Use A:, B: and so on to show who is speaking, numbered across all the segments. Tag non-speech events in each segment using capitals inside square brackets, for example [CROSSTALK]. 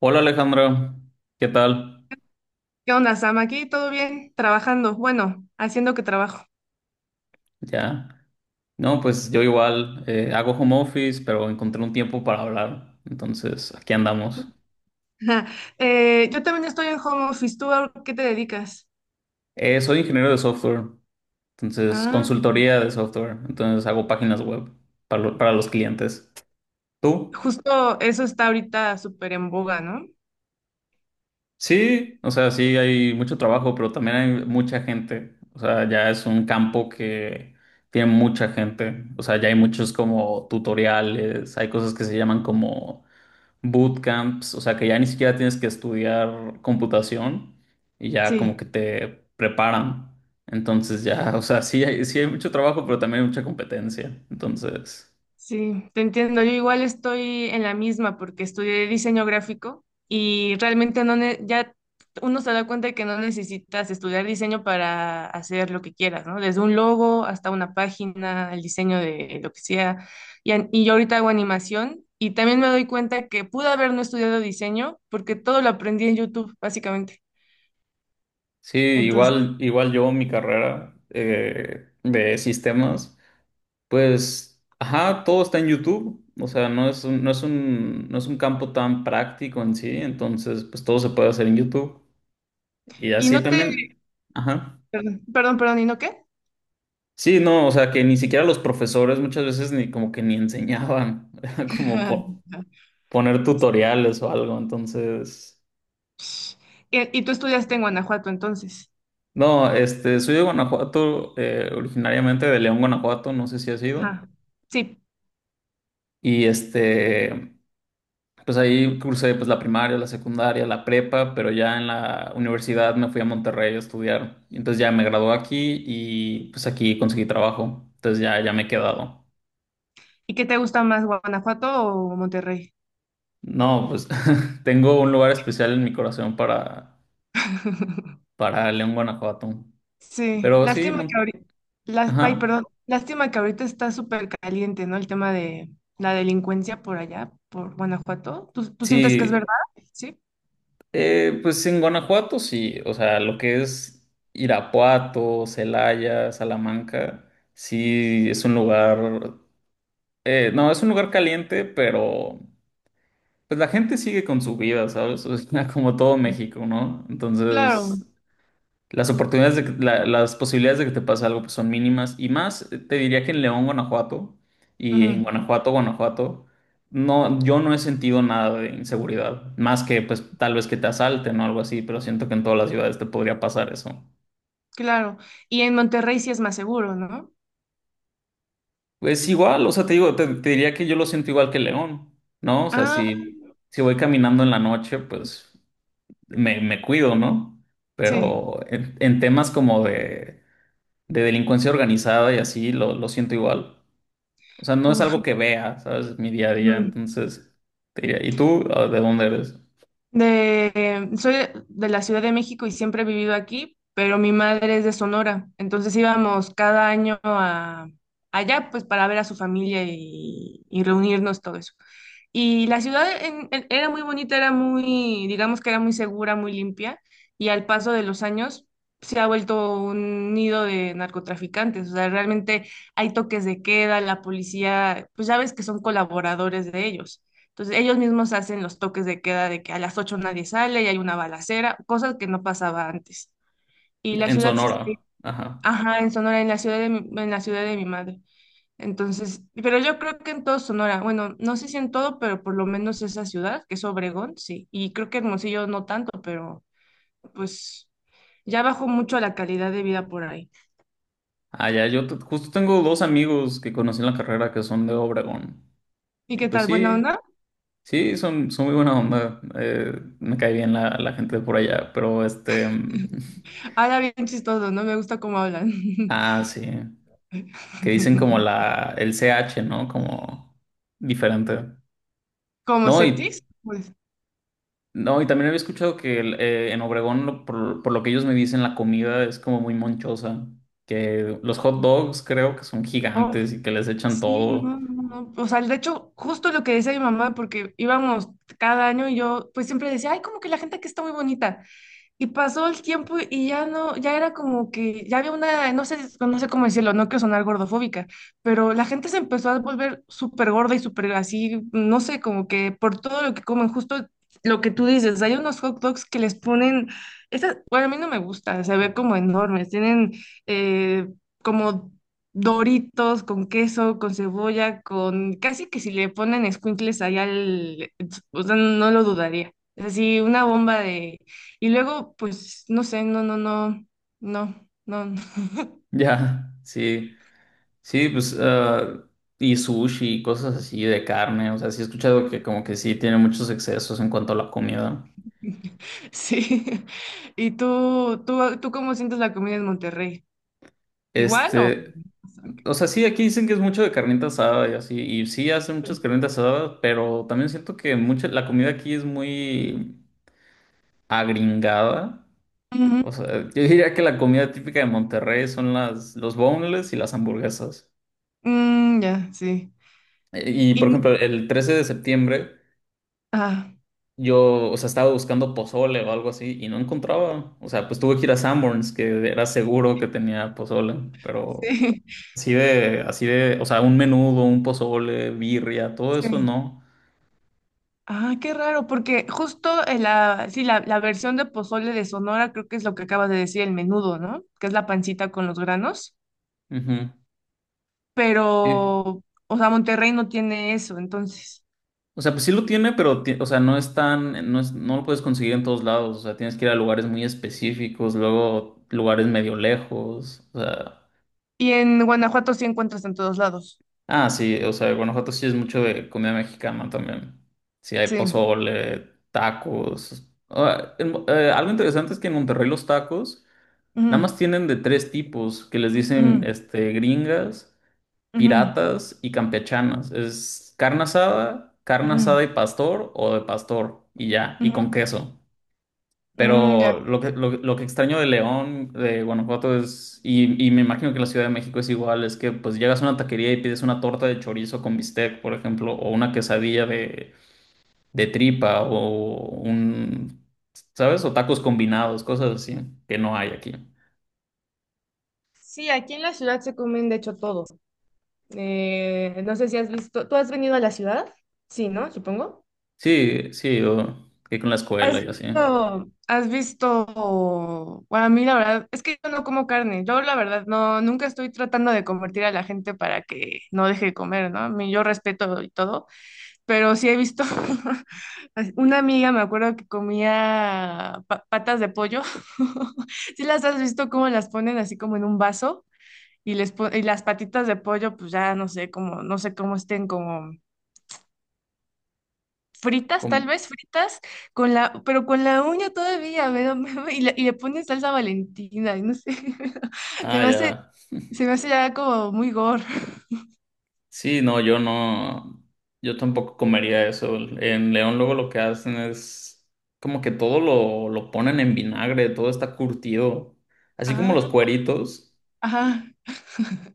A: Hola Alejandra, ¿qué tal?
B: ¿Qué onda, Sam? Aquí todo bien, trabajando, bueno, haciendo que trabajo.
A: Ya. No, pues yo igual hago home office, pero encontré un tiempo para hablar. Entonces, aquí andamos.
B: [LAUGHS] Yo también estoy en home office. ¿Tú a qué te dedicas?
A: Soy ingeniero de software, entonces
B: Ah,
A: consultoría de software, entonces hago páginas web para, para los clientes. ¿Tú?
B: justo eso está ahorita súper en boga, ¿no?
A: Sí, o sea, sí hay mucho trabajo, pero también hay mucha gente. O sea, ya es un campo que tiene mucha gente. O sea, ya hay muchos como tutoriales, hay cosas que se llaman como bootcamps, o sea que ya ni siquiera tienes que estudiar computación y ya como
B: Sí.
A: que te preparan. Entonces ya, o sea, sí hay mucho trabajo, pero también hay mucha competencia. Entonces,
B: Sí, te entiendo. Yo igual estoy en la misma porque estudié diseño gráfico y realmente no ne- ya uno se da cuenta de que no necesitas estudiar diseño para hacer lo que quieras, ¿no? Desde un logo hasta una página, el diseño de lo que sea. Y, y yo ahorita hago animación y también me doy cuenta que pude haber no estudiado diseño porque todo lo aprendí en YouTube, básicamente.
A: sí,
B: Entonces,
A: igual yo, mi carrera de sistemas, pues, ajá, todo está en YouTube. O sea, no es un, no es un, no es un campo tan práctico en sí, entonces, pues todo se puede hacer en YouTube. Y
B: y
A: así
B: no te,
A: también, ajá.
B: perdón, perdón, perdón, ¿y no qué?
A: Sí, no, o sea, que ni siquiera los profesores muchas veces ni como que ni enseñaban, [LAUGHS] era como
B: [LAUGHS]
A: poner tutoriales o algo, entonces...
B: Y, y tú estudiaste en Guanajuato, entonces.
A: No, este, soy de Guanajuato, originariamente de León, Guanajuato, no sé si ha sido.
B: Ajá, sí.
A: Y este, pues ahí cursé pues la primaria, la secundaria, la prepa, pero ya en la universidad me fui a Monterrey a estudiar. Y entonces ya me gradué aquí y pues aquí conseguí trabajo, entonces ya, ya me he quedado.
B: ¿Y qué te gusta más, Guanajuato o Monterrey?
A: No, pues [LAUGHS] tengo un lugar especial en mi corazón
B: [LAUGHS]
A: para León, Guanajuato.
B: Sí,
A: Pero sí,
B: lástima que ahorita, ay,
A: Ajá.
B: perdón, lástima que ahorita está súper caliente, ¿no? El tema de la delincuencia por allá, por Guanajuato. ¿Tú sientes que es verdad?
A: Sí,
B: Sí.
A: pues en Guanajuato sí, o sea, lo que es Irapuato, Celaya, Salamanca, sí es un lugar, no, es un lugar caliente, pero pues la gente sigue con su vida, ¿sabes? [LAUGHS] O sea, como todo
B: Sí.
A: México, ¿no?
B: Claro,
A: Entonces, las oportunidades de las posibilidades de que te pase algo pues, son mínimas y más te diría que en León, Guanajuato y
B: ujú,
A: en Guanajuato, Guanajuato, no, yo no he sentido nada de inseguridad, más que pues tal vez que te asalten o algo así, pero siento que en todas las ciudades te podría pasar eso.
B: claro. Y en Monterrey sí es más seguro, ¿no?
A: Es igual, o sea, te digo, te diría que yo lo siento igual que León, ¿no? O sea,
B: Ah,
A: si, si voy caminando en la noche, pues me cuido, ¿no?
B: sí.
A: Pero en temas como de delincuencia organizada y así, lo siento igual. O sea, no es
B: Uf,
A: algo que vea, ¿sabes? Mi día a día,
B: ujú.
A: entonces te diría, ¿y tú de dónde eres?
B: De, soy de la Ciudad de México y siempre he vivido aquí, pero mi madre es de Sonora, entonces íbamos cada año a, allá pues para ver a su familia y reunirnos, todo eso. Y la ciudad era muy bonita, era muy, digamos que era muy segura, muy limpia, y al paso de los años se ha vuelto un nido de narcotraficantes, o sea, realmente hay toques de queda, la policía, pues ya ves que son colaboradores de ellos. Entonces ellos mismos hacen los toques de queda de que a las 8 nadie sale y hay una balacera, cosas que no pasaba antes. Y
A: Ya,
B: la
A: en
B: ciudad sí, sí,
A: Sonora, ajá.
B: ajá, en Sonora, en la ciudad de, en la ciudad de mi madre. Entonces, pero yo creo que en todo Sonora, bueno, no sé si en todo, pero por lo menos esa ciudad, que es Obregón, sí. Y creo que Hermosillo no tanto, pero pues ya bajó mucho la calidad de vida por ahí.
A: Ah, ya, yo justo tengo dos amigos que conocí en la carrera que son de Obregón.
B: ¿Y
A: Y
B: qué
A: pues
B: tal? ¿Buena
A: sí,
B: onda?
A: sí, son muy buena onda. Me cae bien la, la gente de por allá, pero este... [LAUGHS]
B: Ahora bien chistoso, ¿no? Me gusta cómo hablan.
A: Ah, sí, que dicen como
B: [LAUGHS]
A: la, el CH, ¿no? Como diferente.
B: Como
A: No, y
B: Cetis, pues.
A: No, y también había escuchado que en Obregón, por lo que ellos me dicen, la comida es como muy monchosa. Que los hot dogs creo que son
B: Oh,
A: gigantes y que les echan
B: sí,
A: todo.
B: no, no,
A: [LAUGHS]
B: no. O sea, de hecho, justo lo que decía mi mamá, porque íbamos cada año y yo pues siempre decía, ay, como que la gente aquí está muy bonita. Y pasó el tiempo y ya no, ya era como que, ya había una, no sé, no sé cómo decirlo, no quiero sonar gordofóbica, pero la gente se empezó a volver súper gorda y súper así, no sé, como que por todo lo que comen, justo lo que tú dices, hay unos hot dogs que les ponen, esas, bueno, a mí no me gusta, se ve como enormes, tienen eh, como Doritos con queso, con cebolla, con, casi que si le ponen escuincles allá, al, o sea, no lo dudaría, es así, una bomba y luego, pues, no sé, no, no, no, no, no, no.
A: Ya, sí. Sí, pues, y sushi y cosas así de carne. O sea, sí he escuchado que como que sí tiene muchos excesos en cuanto a la comida.
B: [LAUGHS] Sí. [LAUGHS] ¿Y tú cómo sientes la comida en Monterrey? ¿Igual o?
A: Este, o sea, sí, aquí dicen que es mucho de carnita asada y así. Y sí hacen muchas carnitas asadas, pero también siento que mucha, la comida aquí es muy agringada.
B: Ujú.
A: O sea, yo diría que la comida típica de Monterrey son las, los boneless y las hamburguesas.
B: Mm, ya, sí.
A: Y,
B: Y,
A: por
B: no,
A: ejemplo, el 13 de septiembre
B: ah,
A: yo, o sea, estaba buscando pozole o algo así y no encontraba. O sea, pues tuve que ir a Sanborns, que era seguro que tenía pozole, pero
B: sí,
A: así de, o sea, un menudo, un pozole, birria,
B: [LAUGHS]
A: todo eso
B: sí.
A: no.
B: Ah, qué raro, porque justo en la, sí, la versión de pozole de Sonora creo que es lo que acabas de decir, el menudo, ¿no? Que es la pancita con los granos,
A: Ujú.
B: pero,
A: Y-
B: o sea, Monterrey no tiene eso, entonces.
A: O sea, pues sí lo tiene, pero, o sea, no es tan, no lo puedes conseguir en todos lados. O sea, tienes que ir a lugares muy específicos, luego lugares medio lejos. O sea,
B: Y en Guanajuato sí encuentras en todos lados.
A: ah, sí, o sea, Guanajuato sí es mucho de comida mexicana también. Sí, hay
B: Sí.
A: pozole, tacos. Ah, en algo interesante es que en Monterrey los tacos nada más
B: Ujú,
A: tienen de tres tipos, que les dicen,
B: ujú,
A: este, gringas,
B: ujú,
A: piratas y campechanas. Es carne
B: ujú,
A: asada y pastor o de pastor y ya, y con
B: ujú.
A: queso.
B: Mm, ya.
A: Pero lo que, lo que extraño de León, de Guanajuato es, y me imagino que la Ciudad de México es igual, es que pues llegas a una taquería y pides una torta de chorizo con bistec, por ejemplo, o una quesadilla de tripa, o un, ¿sabes? O tacos combinados, cosas así, que no hay aquí.
B: Sí, aquí en la ciudad se comen de hecho todo. No sé si has visto, ¿tú has venido a la ciudad? Sí, ¿no? Supongo.
A: Sí, sí, o que con la escuela y así.
B: Bueno, a mí la verdad es que yo no como carne, yo la verdad no, nunca estoy tratando de convertir a la gente para que no deje de comer, ¿no? A mí- Yo respeto y todo, pero sí he visto, [LAUGHS] una amiga me acuerdo que comía patas de pollo, [LAUGHS] sí las has visto cómo las ponen así como en un vaso y, y las patitas de pollo pues ya no sé cómo, no sé cómo estén como fritas tal
A: Com-
B: vez, fritas, con la, pero con la uña todavía, me da- [LAUGHS] y le ponen salsa Valentina y no sé, [LAUGHS] se
A: ah,
B: me hace,
A: ya.
B: se me hace ya como muy gore.
A: Sí, no, yo no, yo tampoco comería eso. En León luego lo que hacen es como que todo lo ponen en vinagre, todo está curtido. Así como los
B: Ah,
A: cueritos.
B: ajá,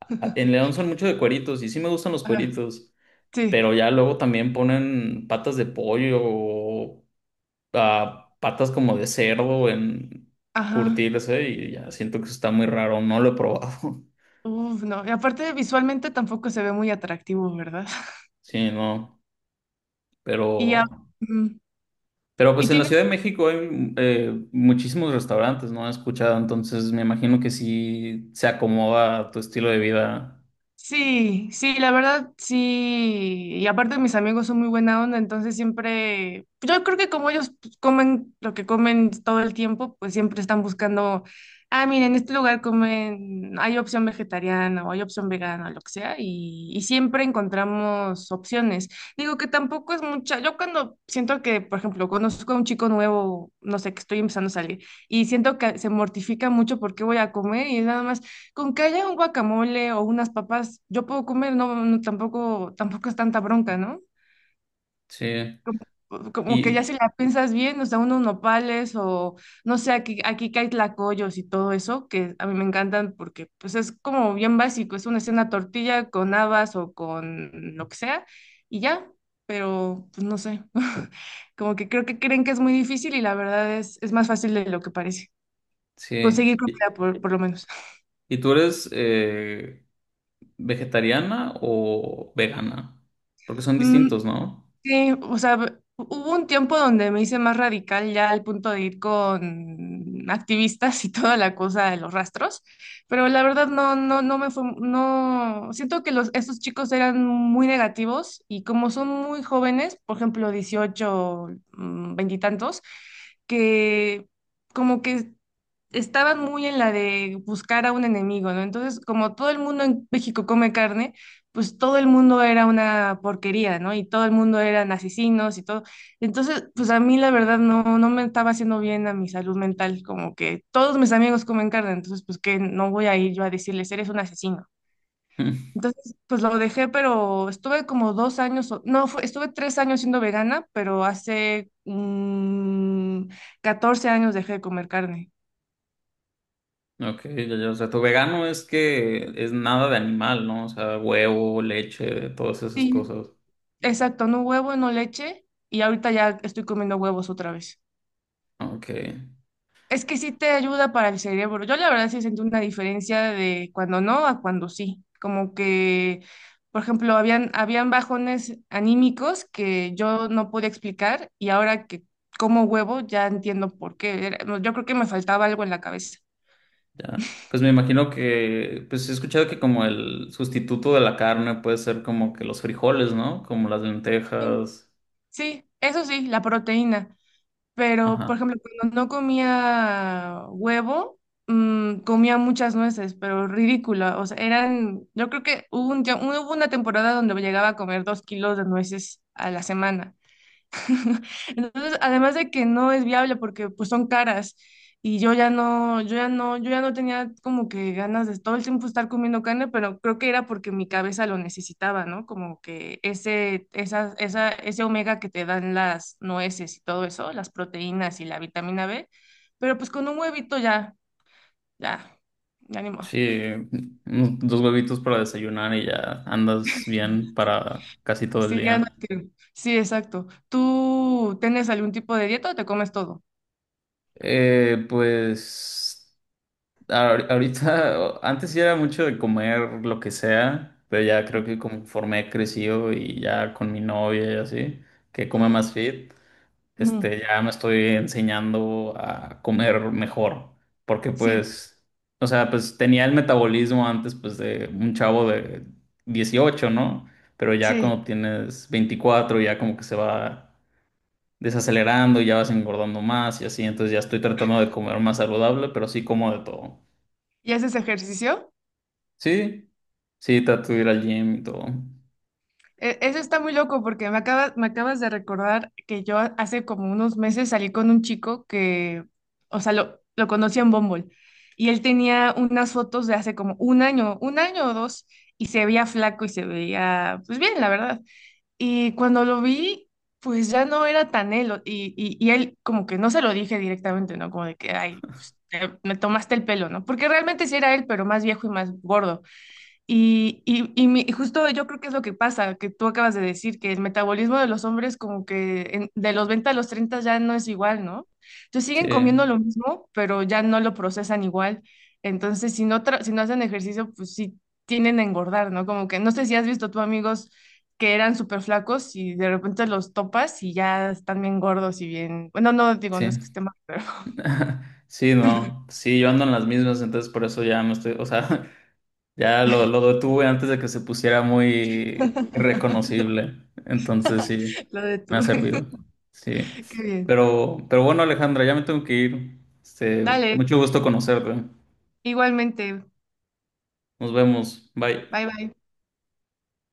A: En León
B: [LAUGHS]
A: son mucho de cueritos y sí me gustan los
B: ajá,
A: cueritos,
B: sí,
A: pero ya luego también ponen patas de pollo o ah, patas como de cerdo en
B: ajá.
A: curtirse y ya siento que eso está muy raro, no lo he probado.
B: Uf, no. Y aparte visualmente tampoco se ve muy atractivo, ¿verdad? [LAUGHS]
A: [LAUGHS] Sí, no,
B: Y, ya,
A: pero...
B: ujú.
A: Pero
B: Y
A: pues en la
B: tiene
A: Ciudad de México hay muchísimos restaurantes, ¿no? He escuchado, entonces me imagino que sí se acomoda a tu estilo de vida.
B: sí, sí, la verdad sí. Y aparte mis amigos son muy buena onda, entonces siempre, yo creo que como ellos pues, comen lo que comen todo el tiempo, pues siempre están buscando, ah, miren, en este lugar comen, hay opción vegetariana o hay opción vegana, lo que sea, y siempre encontramos opciones. Digo que tampoco es mucha, yo cuando siento que, por ejemplo, conozco a un chico nuevo, no sé, que estoy empezando a salir, y siento que se mortifica mucho porque voy a comer y es nada más. Con que haya un guacamole o unas papas, yo puedo comer, no, no, tampoco, tampoco es tanta bronca, ¿no?
A: Sí.
B: Como que ya
A: Y
B: si la piensas bien, o sea, unos nopales o no sé, aquí, aquí que hay tlacoyos y todo eso, que a mí me encantan porque pues es como bien básico, es una escena tortilla con habas o con lo que sea y ya, pero pues no sé, [LAUGHS] como que creo que creen que es muy difícil y la verdad es más fácil de lo que parece, conseguir
A: sí.
B: comida por lo menos.
A: Y tú eres vegetariana o vegana? Porque son
B: Mm,
A: distintos, ¿no?
B: sí, o sea, hubo un tiempo donde me hice más radical ya al punto de ir con activistas y toda la cosa de los rastros, pero la verdad no, no, no me fue, no, siento que los, estos chicos eran muy negativos y como son muy jóvenes, por ejemplo, 18, mm, 20 y tantos, que como que estaban muy en la de buscar a un enemigo, ¿no? Entonces, como todo el mundo en México come carne, pues todo el mundo era una porquería, ¿no? Y todo el mundo eran asesinos y todo. Entonces, pues a mí la verdad no, no me estaba haciendo bien a mi salud mental, como que todos mis amigos comen carne, entonces pues que no voy a ir yo a decirles, eres un asesino.
A: [LAUGHS]
B: Entonces, pues lo dejé, pero estuve como dos años, no, estuve tres años siendo vegana, pero hace 14 años dejé de comer carne.
A: Ok, ya, ya. O sea, tu vegano es que es nada de animal, ¿no? O sea, huevo, leche, todas esas
B: Sí,
A: cosas.
B: exacto, no huevo, no leche y ahorita ya estoy comiendo huevos otra vez.
A: Ok.
B: Es que sí te ayuda para el cerebro. Yo la verdad sí sentí una diferencia de cuando no a cuando sí. Como que, por ejemplo, habían bajones anímicos que yo no podía explicar y ahora que como huevo ya entiendo por qué. Era- yo creo que me faltaba algo en la cabeza.
A: Ya. Pues me imagino que, pues he escuchado que como el sustituto de la carne puede ser como que los frijoles, ¿no? Como las
B: Sí,
A: lentejas.
B: sí, eso sí, la proteína. Pero, por
A: Ajá.
B: ejemplo, cuando no comía huevo, comía muchas nueces, pero ridícula. O sea, eran, yo creo que hubo un, hubo una temporada donde llegaba a comer dos kilos de nueces a la semana. [LAUGHS] Entonces, además de que no es viable porque pues son caras y yo ya no tenía como que ganas de todo el tiempo estar comiendo carne, pero creo que era porque mi cabeza lo necesitaba, ¿no? Como que ese omega que te dan las nueces y todo eso, las proteínas y la vitamina B, pero pues con un huevito ya, ya, ya ni modo.
A: Sí, dos huevitos para desayunar y ya andas bien para casi todo el
B: Sí, ya no
A: día.
B: te- sí, exacto. ¿Tú tienes algún tipo de dieta o te comes todo?
A: Pues ahorita, [LAUGHS] antes sí era mucho de comer lo que sea, pero ya creo que conforme he crecido y ya con mi novia y así, que come
B: Ujú,
A: más fit.
B: ujú.
A: Este, ya me estoy enseñando a comer mejor, porque
B: Sí,
A: pues, o sea, pues tenía el metabolismo antes, pues, de un chavo de 18, ¿no? Pero ya
B: sí.
A: cuando tienes 24 ya como que se va desacelerando y ya vas engordando más y así, entonces ya estoy tratando de comer más saludable, pero sí como de todo.
B: ¿Y haces ejercicio?
A: Sí, sí, trato de ir al gym y todo.
B: Eso está muy loco porque me acabas de recordar que yo hace como unos meses salí con un chico que, o sea, lo conocí en Bumble y él tenía unas fotos de hace como un año o dos y se veía flaco y se veía, pues bien, la verdad. Y cuando lo vi, pues ya no era tan él y él como que no se lo dije directamente, ¿no? Como de que, ay, pues, me tomaste el pelo, ¿no? Porque realmente sí era él, pero más viejo y más gordo. Y justo yo creo que es lo que pasa, que tú acabas de decir, que el metabolismo de los hombres como que de los 20 a los 30 ya no es igual, ¿no? Entonces
A: Sí,
B: siguen comiendo lo mismo, pero ya no lo procesan igual. Entonces, si no, si no hacen ejercicio, pues sí tienden a engordar, ¿no? Como que no sé si has visto tú amigos que eran súper flacos y de repente los topas y ya están bien gordos y bien... Bueno, no digo, no es que
A: sí.
B: esté mal, pero
A: [LAUGHS] Sí, no, sí, yo ando en las mismas, entonces por eso ya me estoy, o sea, [LAUGHS] ya lo detuve antes de que se pusiera muy irreconocible. Entonces sí,
B: [LAUGHS] lo de
A: me
B: tú.
A: ha servido. Sí.
B: [LAUGHS] Qué bien.
A: Pero bueno, Alejandra, ya me tengo que ir. Este,
B: Dale,
A: mucho gusto conocerte.
B: igualmente.
A: Nos vemos. Bye.
B: Bye, bye.